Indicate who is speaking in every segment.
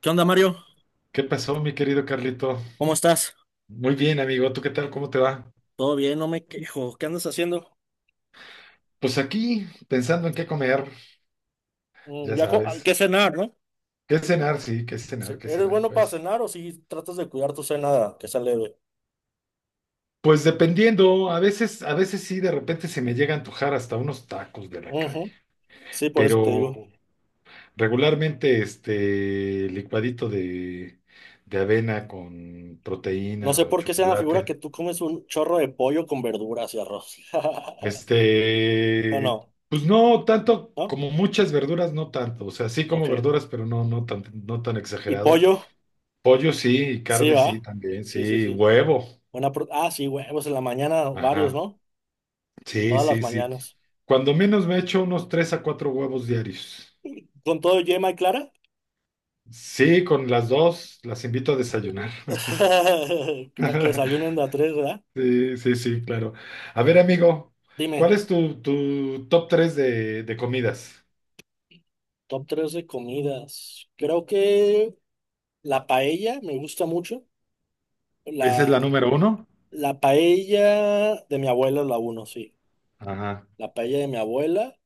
Speaker 1: ¿Qué onda, Mario?
Speaker 2: ¿Qué pasó, mi querido Carlito?
Speaker 1: ¿Cómo estás?
Speaker 2: Muy bien, amigo. ¿Tú qué tal? ¿Cómo te va?
Speaker 1: ¿Todo bien? No me quejo. ¿Qué andas haciendo?
Speaker 2: Pues aquí, pensando en qué comer,
Speaker 1: Mm,
Speaker 2: ya
Speaker 1: ya
Speaker 2: sabes.
Speaker 1: ¿qué cenar, no?
Speaker 2: ¿Qué cenar? Sí,
Speaker 1: Sí,
Speaker 2: qué
Speaker 1: ¿eres
Speaker 2: cenar,
Speaker 1: bueno para
Speaker 2: pues.
Speaker 1: cenar o si tratas de cuidar tu cena que sea leve?
Speaker 2: Pues dependiendo, a veces sí, de repente se me llega a antojar hasta unos tacos de la calle.
Speaker 1: Ujú, sí, por eso te digo.
Speaker 2: Pero regularmente, este licuadito de avena con
Speaker 1: No
Speaker 2: proteína
Speaker 1: sé
Speaker 2: o
Speaker 1: por qué se me figura
Speaker 2: chocolate.
Speaker 1: que tú comes un chorro de pollo con verduras y arroz. No,
Speaker 2: Este,
Speaker 1: no,
Speaker 2: pues no tanto
Speaker 1: ¿no?
Speaker 2: como muchas verduras, no tanto. O sea, sí
Speaker 1: Ok.
Speaker 2: como verduras, pero no, no tan
Speaker 1: ¿Y
Speaker 2: exagerado.
Speaker 1: pollo?
Speaker 2: Pollo sí, y
Speaker 1: Sí,
Speaker 2: carne sí,
Speaker 1: va.
Speaker 2: también,
Speaker 1: Sí, sí,
Speaker 2: sí,
Speaker 1: sí.
Speaker 2: huevo.
Speaker 1: Sí, huevos en la mañana, varios,
Speaker 2: Ajá.
Speaker 1: ¿no?
Speaker 2: Sí,
Speaker 1: Todas las
Speaker 2: sí, sí.
Speaker 1: mañanas.
Speaker 2: Cuando menos me echo unos tres a cuatro huevos diarios.
Speaker 1: ¿Con todo yema y clara?
Speaker 2: Sí, con las dos las invito a desayunar.
Speaker 1: Para que desayunen de a tres, ¿verdad?
Speaker 2: Sí, sí, sí, claro. A ver, amigo, ¿cuál
Speaker 1: Dime.
Speaker 2: es tu top tres de comidas?
Speaker 1: Top 3 de comidas. Creo que la paella me gusta mucho.
Speaker 2: ¿Esa es
Speaker 1: La,
Speaker 2: la número uno?
Speaker 1: la paella de mi abuela es la uno, sí.
Speaker 2: Ajá,
Speaker 1: La paella de mi abuela.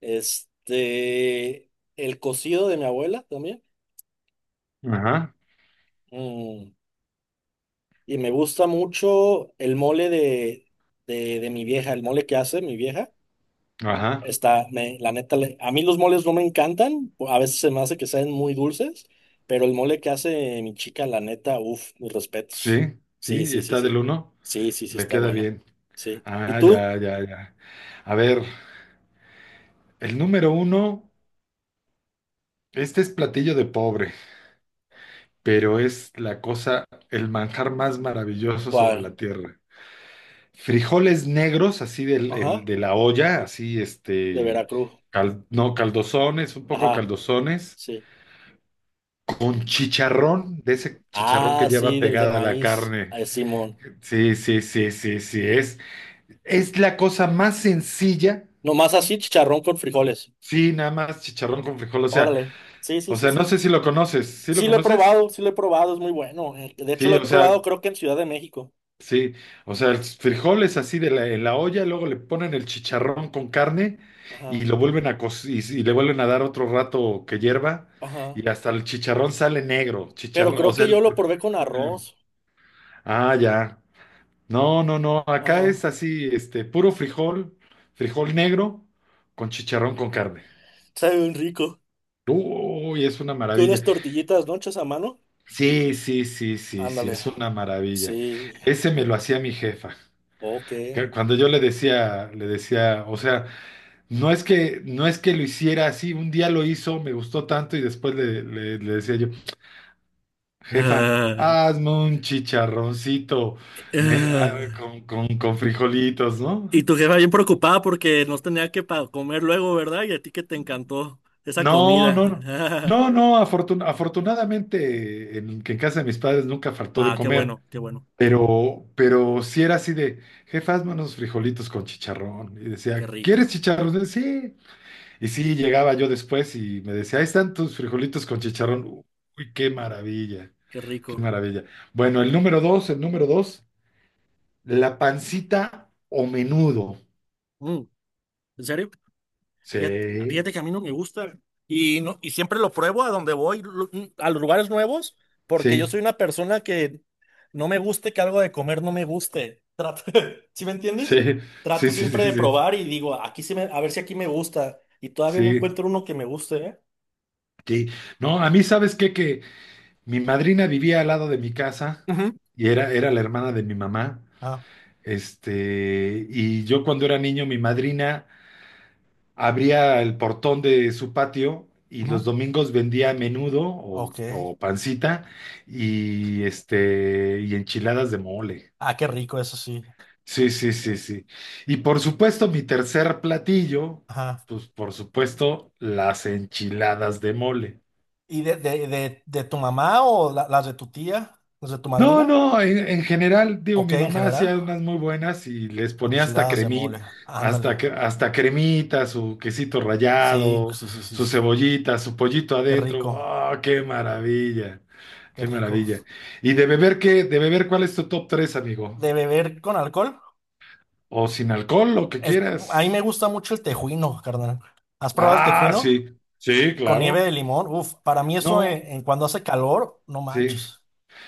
Speaker 1: Este, el cocido de mi abuela también.
Speaker 2: ajá,
Speaker 1: Mm, y me gusta mucho el mole de mi vieja, el mole que hace mi vieja.
Speaker 2: ajá.
Speaker 1: La neta, a mí los moles no me encantan, a veces se me hace que sean muy dulces, pero el mole que hace mi chica, la neta, uff, mis respetos.
Speaker 2: Sí,
Speaker 1: Sí,
Speaker 2: sí,
Speaker 1: sí, sí,
Speaker 2: está del
Speaker 1: sí.
Speaker 2: uno.
Speaker 1: Sí, sí, sí,
Speaker 2: Le
Speaker 1: está
Speaker 2: queda
Speaker 1: bueno.
Speaker 2: bien.
Speaker 1: Sí. ¿Y
Speaker 2: Ah,
Speaker 1: tú?
Speaker 2: ya, ya, ya. A ver, el número uno, este es platillo de pobre, pero es la cosa, el manjar más maravilloso sobre
Speaker 1: ¿Cuál?
Speaker 2: la tierra. Frijoles negros, así
Speaker 1: Ajá,
Speaker 2: de la olla, así
Speaker 1: de Veracruz.
Speaker 2: no, caldosones, un poco
Speaker 1: Ajá,
Speaker 2: caldosones,
Speaker 1: sí.
Speaker 2: con chicharrón, de ese chicharrón
Speaker 1: Ah,
Speaker 2: que
Speaker 1: sí,
Speaker 2: lleva
Speaker 1: del de
Speaker 2: pegada la
Speaker 1: maíz.
Speaker 2: carne.
Speaker 1: Ay, Simón.
Speaker 2: Sí, sí, sí, sí, sí, es la cosa más sencilla.
Speaker 1: Nomás así, chicharrón con frijoles.
Speaker 2: Sí, nada más chicharrón con frijol. o sea,
Speaker 1: Órale. Sí, sí,
Speaker 2: o
Speaker 1: sí,
Speaker 2: sea, no
Speaker 1: sí.
Speaker 2: sé si lo conoces. ¿Sí lo
Speaker 1: Sí lo he
Speaker 2: conoces?
Speaker 1: probado, sí lo he probado, es muy bueno. De hecho,
Speaker 2: Sí,
Speaker 1: lo he
Speaker 2: o
Speaker 1: probado
Speaker 2: sea,
Speaker 1: creo que en Ciudad de México.
Speaker 2: sí, o sea, el frijol es así de la, en la olla, luego le ponen el chicharrón con carne y
Speaker 1: Ajá,
Speaker 2: lo vuelven a co- y, y le vuelven a dar otro rato que hierva,
Speaker 1: ajá.
Speaker 2: y hasta el chicharrón sale negro,
Speaker 1: Pero
Speaker 2: chicharrón.
Speaker 1: creo
Speaker 2: O sea,
Speaker 1: que yo
Speaker 2: el
Speaker 1: lo
Speaker 2: frijol
Speaker 1: probé con
Speaker 2: es negro.
Speaker 1: arroz.
Speaker 2: Ah, ya. No, no, no, acá
Speaker 1: Ajá.
Speaker 2: es así, puro frijol, frijol negro con chicharrón con carne.
Speaker 1: Sabe bien rico.
Speaker 2: Uy, es una
Speaker 1: Con
Speaker 2: maravilla.
Speaker 1: unas tortillitas, ¿no? Hechas a mano.
Speaker 2: Sí, sí, sí, sí, sí,
Speaker 1: Ándale.
Speaker 2: es una maravilla.
Speaker 1: Sí.
Speaker 2: Ese me lo hacía mi jefa.
Speaker 1: Ok.
Speaker 2: Que cuando yo le decía, o sea, no es que lo hiciera así. Un día lo hizo, me gustó tanto y después le decía yo, jefa,
Speaker 1: Ah,
Speaker 2: hazme un chicharroncito ne- ah,
Speaker 1: ah.
Speaker 2: con frijolitos, ¿no?
Speaker 1: Y tu jefa bien preocupada porque no tenía que comer luego, ¿verdad? Y a ti que te encantó esa
Speaker 2: No, no, no.
Speaker 1: comida.
Speaker 2: No, no, afortunadamente que en casa de mis padres nunca faltó de
Speaker 1: Ah, qué
Speaker 2: comer.
Speaker 1: bueno, qué bueno,
Speaker 2: pero sí era así de, jefa, hazme unos frijolitos con chicharrón. Y
Speaker 1: qué
Speaker 2: decía, ¿quieres
Speaker 1: rico,
Speaker 2: chicharrón? Sí. Y sí, llegaba yo después y me decía, ahí están tus frijolitos con chicharrón. Uy, qué maravilla,
Speaker 1: qué
Speaker 2: qué
Speaker 1: rico.
Speaker 2: maravilla. Bueno, el número dos, la pancita o menudo.
Speaker 1: Mm, ¿en serio? Fíjate,
Speaker 2: Sí,
Speaker 1: fíjate que a mí no me gusta y, no, y siempre lo pruebo a donde voy, a los lugares nuevos, porque yo
Speaker 2: sí,
Speaker 1: soy una persona que no me guste que algo de comer no me guste. Trato, ¿sí me
Speaker 2: sí,
Speaker 1: entiendes?
Speaker 2: sí,
Speaker 1: Trato
Speaker 2: sí,
Speaker 1: siempre
Speaker 2: sí,
Speaker 1: de
Speaker 2: sí,
Speaker 1: probar y digo, aquí sí me, a ver si aquí me gusta y todavía no
Speaker 2: sí,
Speaker 1: encuentro uno que me guste, ¿eh?
Speaker 2: sí. No, a mí, ¿sabes qué? Que mi madrina vivía al lado de mi casa
Speaker 1: Ujú.
Speaker 2: y era la hermana de mi mamá.
Speaker 1: Ah,
Speaker 2: Y yo cuando era niño, mi madrina abría el portón de su patio y
Speaker 1: ujú.
Speaker 2: los domingos vendía menudo o,
Speaker 1: Ok.
Speaker 2: o pancita y enchiladas de mole.
Speaker 1: Ah, qué rico, eso sí.
Speaker 2: Sí, sí, sí, sí. Y por supuesto, mi tercer platillo,
Speaker 1: Ajá.
Speaker 2: pues por supuesto, las enchiladas de mole.
Speaker 1: ¿Y de tu mamá o las de tu tía? ¿Las de tu
Speaker 2: No,
Speaker 1: madrina?
Speaker 2: no, en general, digo,
Speaker 1: Ok,
Speaker 2: mi
Speaker 1: en
Speaker 2: mamá
Speaker 1: general.
Speaker 2: hacía unas muy buenas y les ponía hasta
Speaker 1: Enchiladas de
Speaker 2: cremita,
Speaker 1: mole. Ándale.
Speaker 2: hasta cremita, su quesito
Speaker 1: Sí,
Speaker 2: rallado,
Speaker 1: sí, sí, sí,
Speaker 2: su
Speaker 1: sí.
Speaker 2: cebollita, su pollito
Speaker 1: Qué
Speaker 2: adentro.
Speaker 1: rico,
Speaker 2: ¡Oh, qué maravilla!
Speaker 1: qué
Speaker 2: ¡Qué
Speaker 1: rico.
Speaker 2: maravilla! ¿Y de beber qué? ¿De beber cuál es tu top 3, amigo?
Speaker 1: ¿De beber con alcohol?
Speaker 2: O sin alcohol, lo que
Speaker 1: El-
Speaker 2: quieras.
Speaker 1: a mí me gusta mucho el tejuino, carnal. ¿Has probado el
Speaker 2: Ah,
Speaker 1: tejuino?
Speaker 2: sí, sí,
Speaker 1: Con nieve
Speaker 2: claro.
Speaker 1: de limón. Uf, para mí eso
Speaker 2: No,
Speaker 1: en cuando hace calor, no
Speaker 2: sí.
Speaker 1: manches.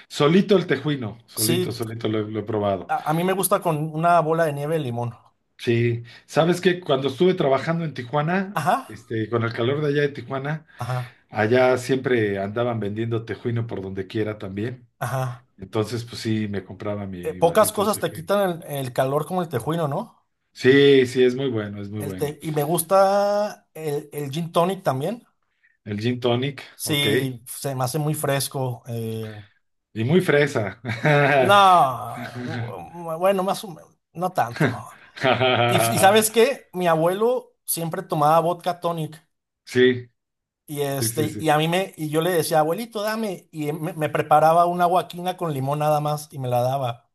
Speaker 2: Solito el tejuino, solito,
Speaker 1: Sí,
Speaker 2: solito lo he probado.
Speaker 1: a mí me gusta con una bola de nieve de limón.
Speaker 2: Sí, sabes que cuando estuve trabajando en Tijuana,
Speaker 1: Ajá,
Speaker 2: con el calor de allá de Tijuana,
Speaker 1: ajá,
Speaker 2: allá siempre andaban vendiendo tejuino por donde quiera también.
Speaker 1: ajá.
Speaker 2: Entonces, pues sí, me compraba mi
Speaker 1: Pocas
Speaker 2: vasito de
Speaker 1: cosas te
Speaker 2: tejuino.
Speaker 1: quitan el calor como el tejuino, ¿no?
Speaker 2: Sí, sí, es muy bueno, es muy bueno.
Speaker 1: Y me gusta el gin tonic también.
Speaker 2: El gin tonic, ok.
Speaker 1: Sí, se me hace muy fresco.
Speaker 2: Y muy fresa.
Speaker 1: No, bueno, más o menos, no tanto. Y ¿sabes qué? Mi abuelo siempre tomaba vodka tonic
Speaker 2: Sí,
Speaker 1: y
Speaker 2: sí, sí,
Speaker 1: este y
Speaker 2: sí.
Speaker 1: a mí me y yo le decía, "Abuelito, dame" y me preparaba una agua quina con limón nada más y me la daba.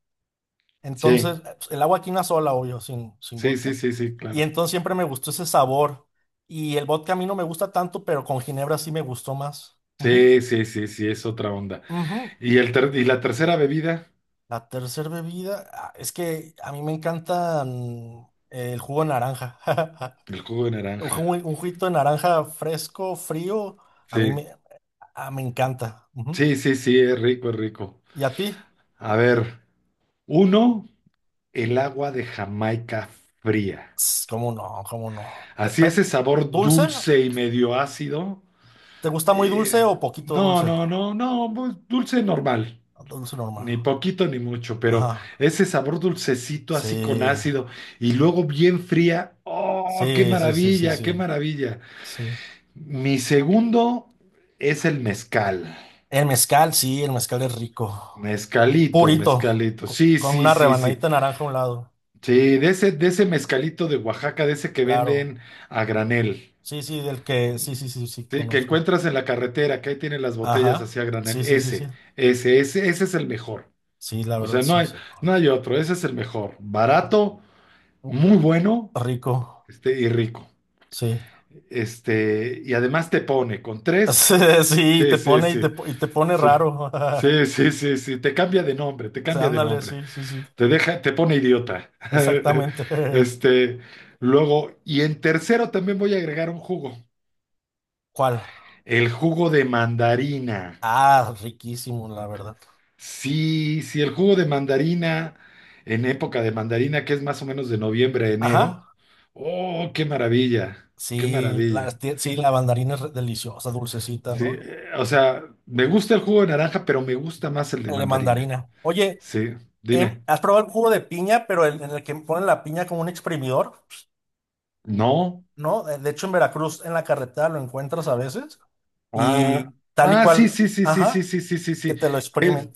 Speaker 2: Sí,
Speaker 1: Entonces, el agua quina sola, obvio, sin
Speaker 2: sí, sí,
Speaker 1: vodka.
Speaker 2: sí, sí,
Speaker 1: Y
Speaker 2: claro.
Speaker 1: entonces siempre me gustó ese sabor y el vodka a mí no me gusta tanto, pero con ginebra sí me gustó más. Ujú,
Speaker 2: Sí, sí, sí, sí, es otra onda.
Speaker 1: ujú.
Speaker 2: Y la tercera bebida,
Speaker 1: La tercera bebida, ah, es que a mí me encanta mm, el jugo de naranja.
Speaker 2: el jugo de
Speaker 1: Un,
Speaker 2: naranja.
Speaker 1: un juguito de naranja fresco, frío, a mí
Speaker 2: Sí,
Speaker 1: me, ah, me encanta. Ujú.
Speaker 2: sí, sí, sí, es rico, es rico.
Speaker 1: ¿Y a ti?
Speaker 2: A ver, uno, el agua de Jamaica fría.
Speaker 1: Ts, ¿cómo no? ¿Cómo no?
Speaker 2: Así ese sabor
Speaker 1: ¿Dulce?
Speaker 2: dulce y medio ácido.
Speaker 1: ¿Te gusta muy
Speaker 2: eh,
Speaker 1: dulce o poquito
Speaker 2: no,
Speaker 1: dulce?
Speaker 2: no, no, no, pues, dulce normal.
Speaker 1: Dulce normal.
Speaker 2: Ni poquito ni mucho, pero
Speaker 1: Ajá.
Speaker 2: ese sabor dulcecito así con
Speaker 1: Sí.
Speaker 2: ácido y luego bien fría. ¡Oh, qué
Speaker 1: Sí, sí, sí, sí,
Speaker 2: maravilla, qué
Speaker 1: sí.
Speaker 2: maravilla!
Speaker 1: Sí.
Speaker 2: Mi segundo es el mezcal.
Speaker 1: El mezcal, sí, el mezcal es rico.
Speaker 2: Mezcalito,
Speaker 1: Purito,
Speaker 2: mezcalito. Sí,
Speaker 1: con
Speaker 2: sí,
Speaker 1: una
Speaker 2: sí, sí.
Speaker 1: rebanadita de naranja a un lado.
Speaker 2: Sí, de ese mezcalito de Oaxaca, de ese que
Speaker 1: Claro.
Speaker 2: venden a granel,
Speaker 1: Sí, sí, del que, sí, sí, sí, sí,
Speaker 2: sí, que
Speaker 1: conozco.
Speaker 2: encuentras en la carretera, que ahí tienen las botellas
Speaker 1: Ajá,
Speaker 2: así a
Speaker 1: sí,
Speaker 2: granel,
Speaker 1: sí, sí, sí.
Speaker 2: ese es el mejor.
Speaker 1: Sí, la
Speaker 2: O
Speaker 1: verdad,
Speaker 2: sea, no
Speaker 1: sí.
Speaker 2: hay,
Speaker 1: sí.
Speaker 2: no hay otro, ese es el mejor. Barato,
Speaker 1: Uh,
Speaker 2: muy bueno,
Speaker 1: rico,
Speaker 2: y rico.
Speaker 1: sí.
Speaker 2: Y además te pone con
Speaker 1: Sí,
Speaker 2: tres.
Speaker 1: sí,
Speaker 2: Sí,
Speaker 1: te
Speaker 2: sí,
Speaker 1: pone y te,
Speaker 2: sí,
Speaker 1: y te pone
Speaker 2: sí.
Speaker 1: raro.
Speaker 2: Sí, sí, sí, sí, te cambia de nombre, te
Speaker 1: Sí,
Speaker 2: cambia de
Speaker 1: ándale,
Speaker 2: nombre.
Speaker 1: sí, sí, sí,
Speaker 2: Te deja, te pone idiota.
Speaker 1: exactamente.
Speaker 2: Este, Luego, y en tercero también voy a agregar un jugo.
Speaker 1: ¿Cuál?
Speaker 2: El jugo de mandarina.
Speaker 1: Ah, riquísimo, la verdad.
Speaker 2: Sí, sí, el jugo de mandarina en época de mandarina, que es más o menos de noviembre a
Speaker 1: Ajá,
Speaker 2: enero. Oh, qué maravilla, qué
Speaker 1: sí,
Speaker 2: maravilla.
Speaker 1: sí, la mandarina es deliciosa, dulcecita,
Speaker 2: Sí,
Speaker 1: ¿no?
Speaker 2: o sea, me gusta el jugo de naranja, pero me gusta más el de
Speaker 1: El de
Speaker 2: mandarina.
Speaker 1: mandarina. Oye,
Speaker 2: Sí, dime.
Speaker 1: ¿has probado el jugo de piña, pero el, en el que ponen la piña como un exprimidor?
Speaker 2: No.
Speaker 1: ¿No? De hecho, en Veracruz, en la carretera lo encuentras a veces
Speaker 2: Ah,
Speaker 1: y tal y
Speaker 2: ah, sí,
Speaker 1: cual,
Speaker 2: sí, sí, sí, sí,
Speaker 1: ajá,
Speaker 2: sí, sí, sí,
Speaker 1: que
Speaker 2: sí.
Speaker 1: te lo
Speaker 2: Es-
Speaker 1: exprimen.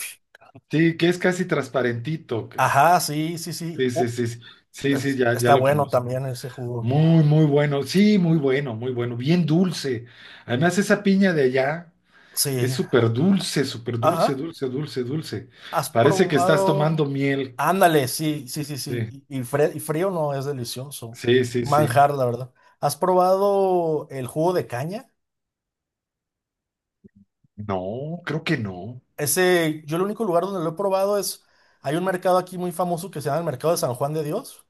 Speaker 2: Sí, que es casi transparentito, cabrón.
Speaker 1: Ajá, sí, sí, sí.
Speaker 2: Sí, sí, sí, sí, sí, sí, ya, ya
Speaker 1: Está
Speaker 2: lo
Speaker 1: bueno
Speaker 2: conozco.
Speaker 1: también ese jugo.
Speaker 2: Muy, muy bueno, sí, muy bueno, muy bueno, bien dulce. Además, esa piña de allá
Speaker 1: Sí,
Speaker 2: es súper dulce,
Speaker 1: ajá.
Speaker 2: dulce, dulce, dulce.
Speaker 1: ¿Has
Speaker 2: Parece que estás tomando
Speaker 1: probado?
Speaker 2: miel, cabrón.
Speaker 1: Ándale, sí, sí, sí,
Speaker 2: Sí,
Speaker 1: sí. Y y frío no es delicioso.
Speaker 2: sí, sí, sí.
Speaker 1: Manjar, la verdad. ¿Has probado el jugo de caña?
Speaker 2: No, creo que no.
Speaker 1: Ese, yo el único lugar donde lo he probado es, hay un mercado aquí muy famoso que se llama el Mercado de San Juan de Dios.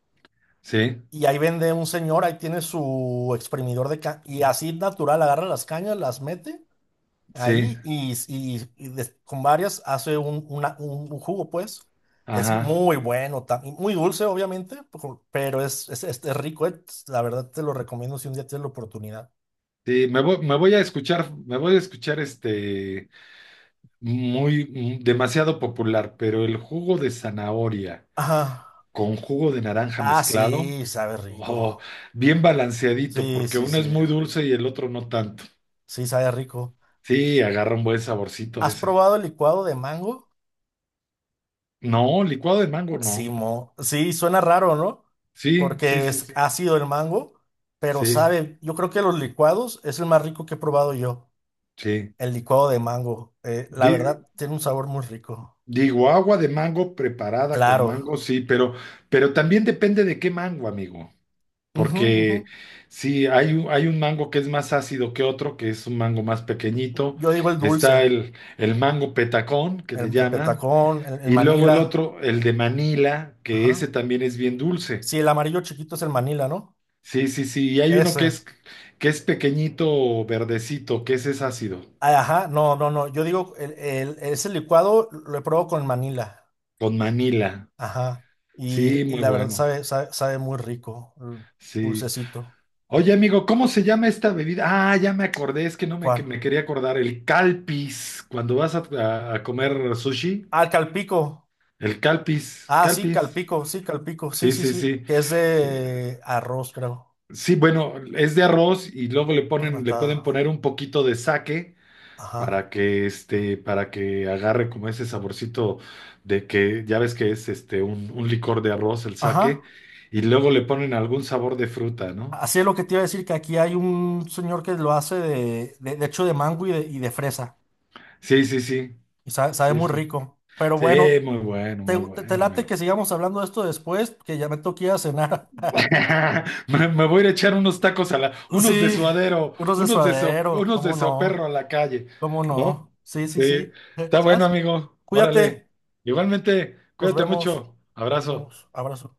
Speaker 2: Sí,
Speaker 1: Y ahí vende un señor, ahí tiene su exprimidor de caña. Y así natural, agarra las cañas, las mete
Speaker 2: sí,
Speaker 1: ahí y, y con varias hace un jugo, pues. Es
Speaker 2: ajá.
Speaker 1: muy bueno, y muy dulce, obviamente, pero es rico, eh. La verdad te lo recomiendo si un día tienes la oportunidad.
Speaker 2: Sí, me voy a escuchar, me voy a escuchar muy demasiado popular, pero el jugo de zanahoria.
Speaker 1: Ajá.
Speaker 2: Con jugo de naranja
Speaker 1: Ah,
Speaker 2: mezclado
Speaker 1: sí, sabe
Speaker 2: o
Speaker 1: rico.
Speaker 2: bien balanceadito,
Speaker 1: Sí,
Speaker 2: porque
Speaker 1: sí,
Speaker 2: uno
Speaker 1: sí.
Speaker 2: es muy dulce y el otro no tanto.
Speaker 1: Sí, sabe rico.
Speaker 2: Sí, agarra un buen saborcito
Speaker 1: ¿Has
Speaker 2: ese.
Speaker 1: probado el licuado de mango?
Speaker 2: No, licuado de mango
Speaker 1: Sí,
Speaker 2: no.
Speaker 1: mo. Sí, suena raro, ¿no?
Speaker 2: Sí, sí,
Speaker 1: Porque
Speaker 2: sí,
Speaker 1: es
Speaker 2: sí.
Speaker 1: ácido el mango, pero
Speaker 2: Sí,
Speaker 1: sabe, yo creo que los licuados es el más rico que he probado yo,
Speaker 2: sí.
Speaker 1: el licuado de mango. La
Speaker 2: Di-
Speaker 1: verdad, tiene un sabor muy rico.
Speaker 2: digo, agua de mango preparada con
Speaker 1: Claro.
Speaker 2: mango, sí, pero, también depende de qué mango, amigo.
Speaker 1: Ujú, ujú.
Speaker 2: Porque sí, hay un mango que es más ácido que otro, que es un mango más pequeñito.
Speaker 1: Yo digo el dulce,
Speaker 2: Está el, mango petacón, que le
Speaker 1: el
Speaker 2: llaman.
Speaker 1: petacón, el
Speaker 2: Y luego el
Speaker 1: manila.
Speaker 2: otro, el de Manila, que ese
Speaker 1: Ajá.
Speaker 2: también es bien dulce.
Speaker 1: Sí, el amarillo chiquito es el manila, ¿no?
Speaker 2: Sí, sí, sí. Y hay uno que
Speaker 1: Ese.
Speaker 2: es, que es pequeñito, verdecito, que ese es ácido,
Speaker 1: Ah, ajá, no, no, no. Yo digo, ese licuado lo he probado con manila.
Speaker 2: con Manila.
Speaker 1: Ajá.
Speaker 2: Sí,
Speaker 1: Y
Speaker 2: muy
Speaker 1: la verdad
Speaker 2: bueno.
Speaker 1: sabe, sabe, sabe muy rico, el
Speaker 2: Sí.
Speaker 1: dulcecito.
Speaker 2: Oye, amigo, ¿cómo se llama esta bebida? Ah, ya me acordé, es que no me, que
Speaker 1: ¿Cuál?
Speaker 2: me quería acordar. El calpis, cuando vas a comer sushi,
Speaker 1: Ah, calpico.
Speaker 2: el calpis,
Speaker 1: Ah, sí,
Speaker 2: calpis.
Speaker 1: calpico, sí, calpico. Sí,
Speaker 2: Sí,
Speaker 1: sí,
Speaker 2: sí,
Speaker 1: sí.
Speaker 2: sí.
Speaker 1: Que es
Speaker 2: Sí,
Speaker 1: de arroz, creo.
Speaker 2: sí, bueno, es de arroz y luego le
Speaker 1: Fermentada.
Speaker 2: pueden poner un poquito de sake
Speaker 1: Ajá.
Speaker 2: para que para que agarre como ese saborcito de que ya ves que es un licor de arroz, el sake,
Speaker 1: Ajá.
Speaker 2: y luego le ponen algún sabor de fruta, ¿no?
Speaker 1: Así es lo que te iba a decir, que aquí hay un señor que lo hace de hecho de mango y de fresa.
Speaker 2: Sí, sí, sí.
Speaker 1: Y sabe, sabe
Speaker 2: Sí,
Speaker 1: muy
Speaker 2: sí.
Speaker 1: rico. Pero
Speaker 2: Sí,
Speaker 1: bueno,
Speaker 2: muy bueno, muy
Speaker 1: te
Speaker 2: bueno,
Speaker 1: late
Speaker 2: amigo.
Speaker 1: que sigamos hablando de esto después, que ya me toqué a cenar.
Speaker 2: Me voy a ir a echar unos tacos unos de
Speaker 1: Sí,
Speaker 2: suadero,
Speaker 1: unos de
Speaker 2: unos de so-
Speaker 1: suadero,
Speaker 2: unos de
Speaker 1: ¿cómo
Speaker 2: soperro a
Speaker 1: no?
Speaker 2: la calle,
Speaker 1: ¿Cómo
Speaker 2: ¿no?
Speaker 1: no? Sí, sí,
Speaker 2: Sí,
Speaker 1: sí.
Speaker 2: está bueno,
Speaker 1: ¿Sabes?
Speaker 2: amigo. Órale.
Speaker 1: Cuídate.
Speaker 2: Igualmente,
Speaker 1: Nos
Speaker 2: cuídate
Speaker 1: vemos.
Speaker 2: mucho.
Speaker 1: Nos
Speaker 2: Abrazo.
Speaker 1: vemos. Abrazo.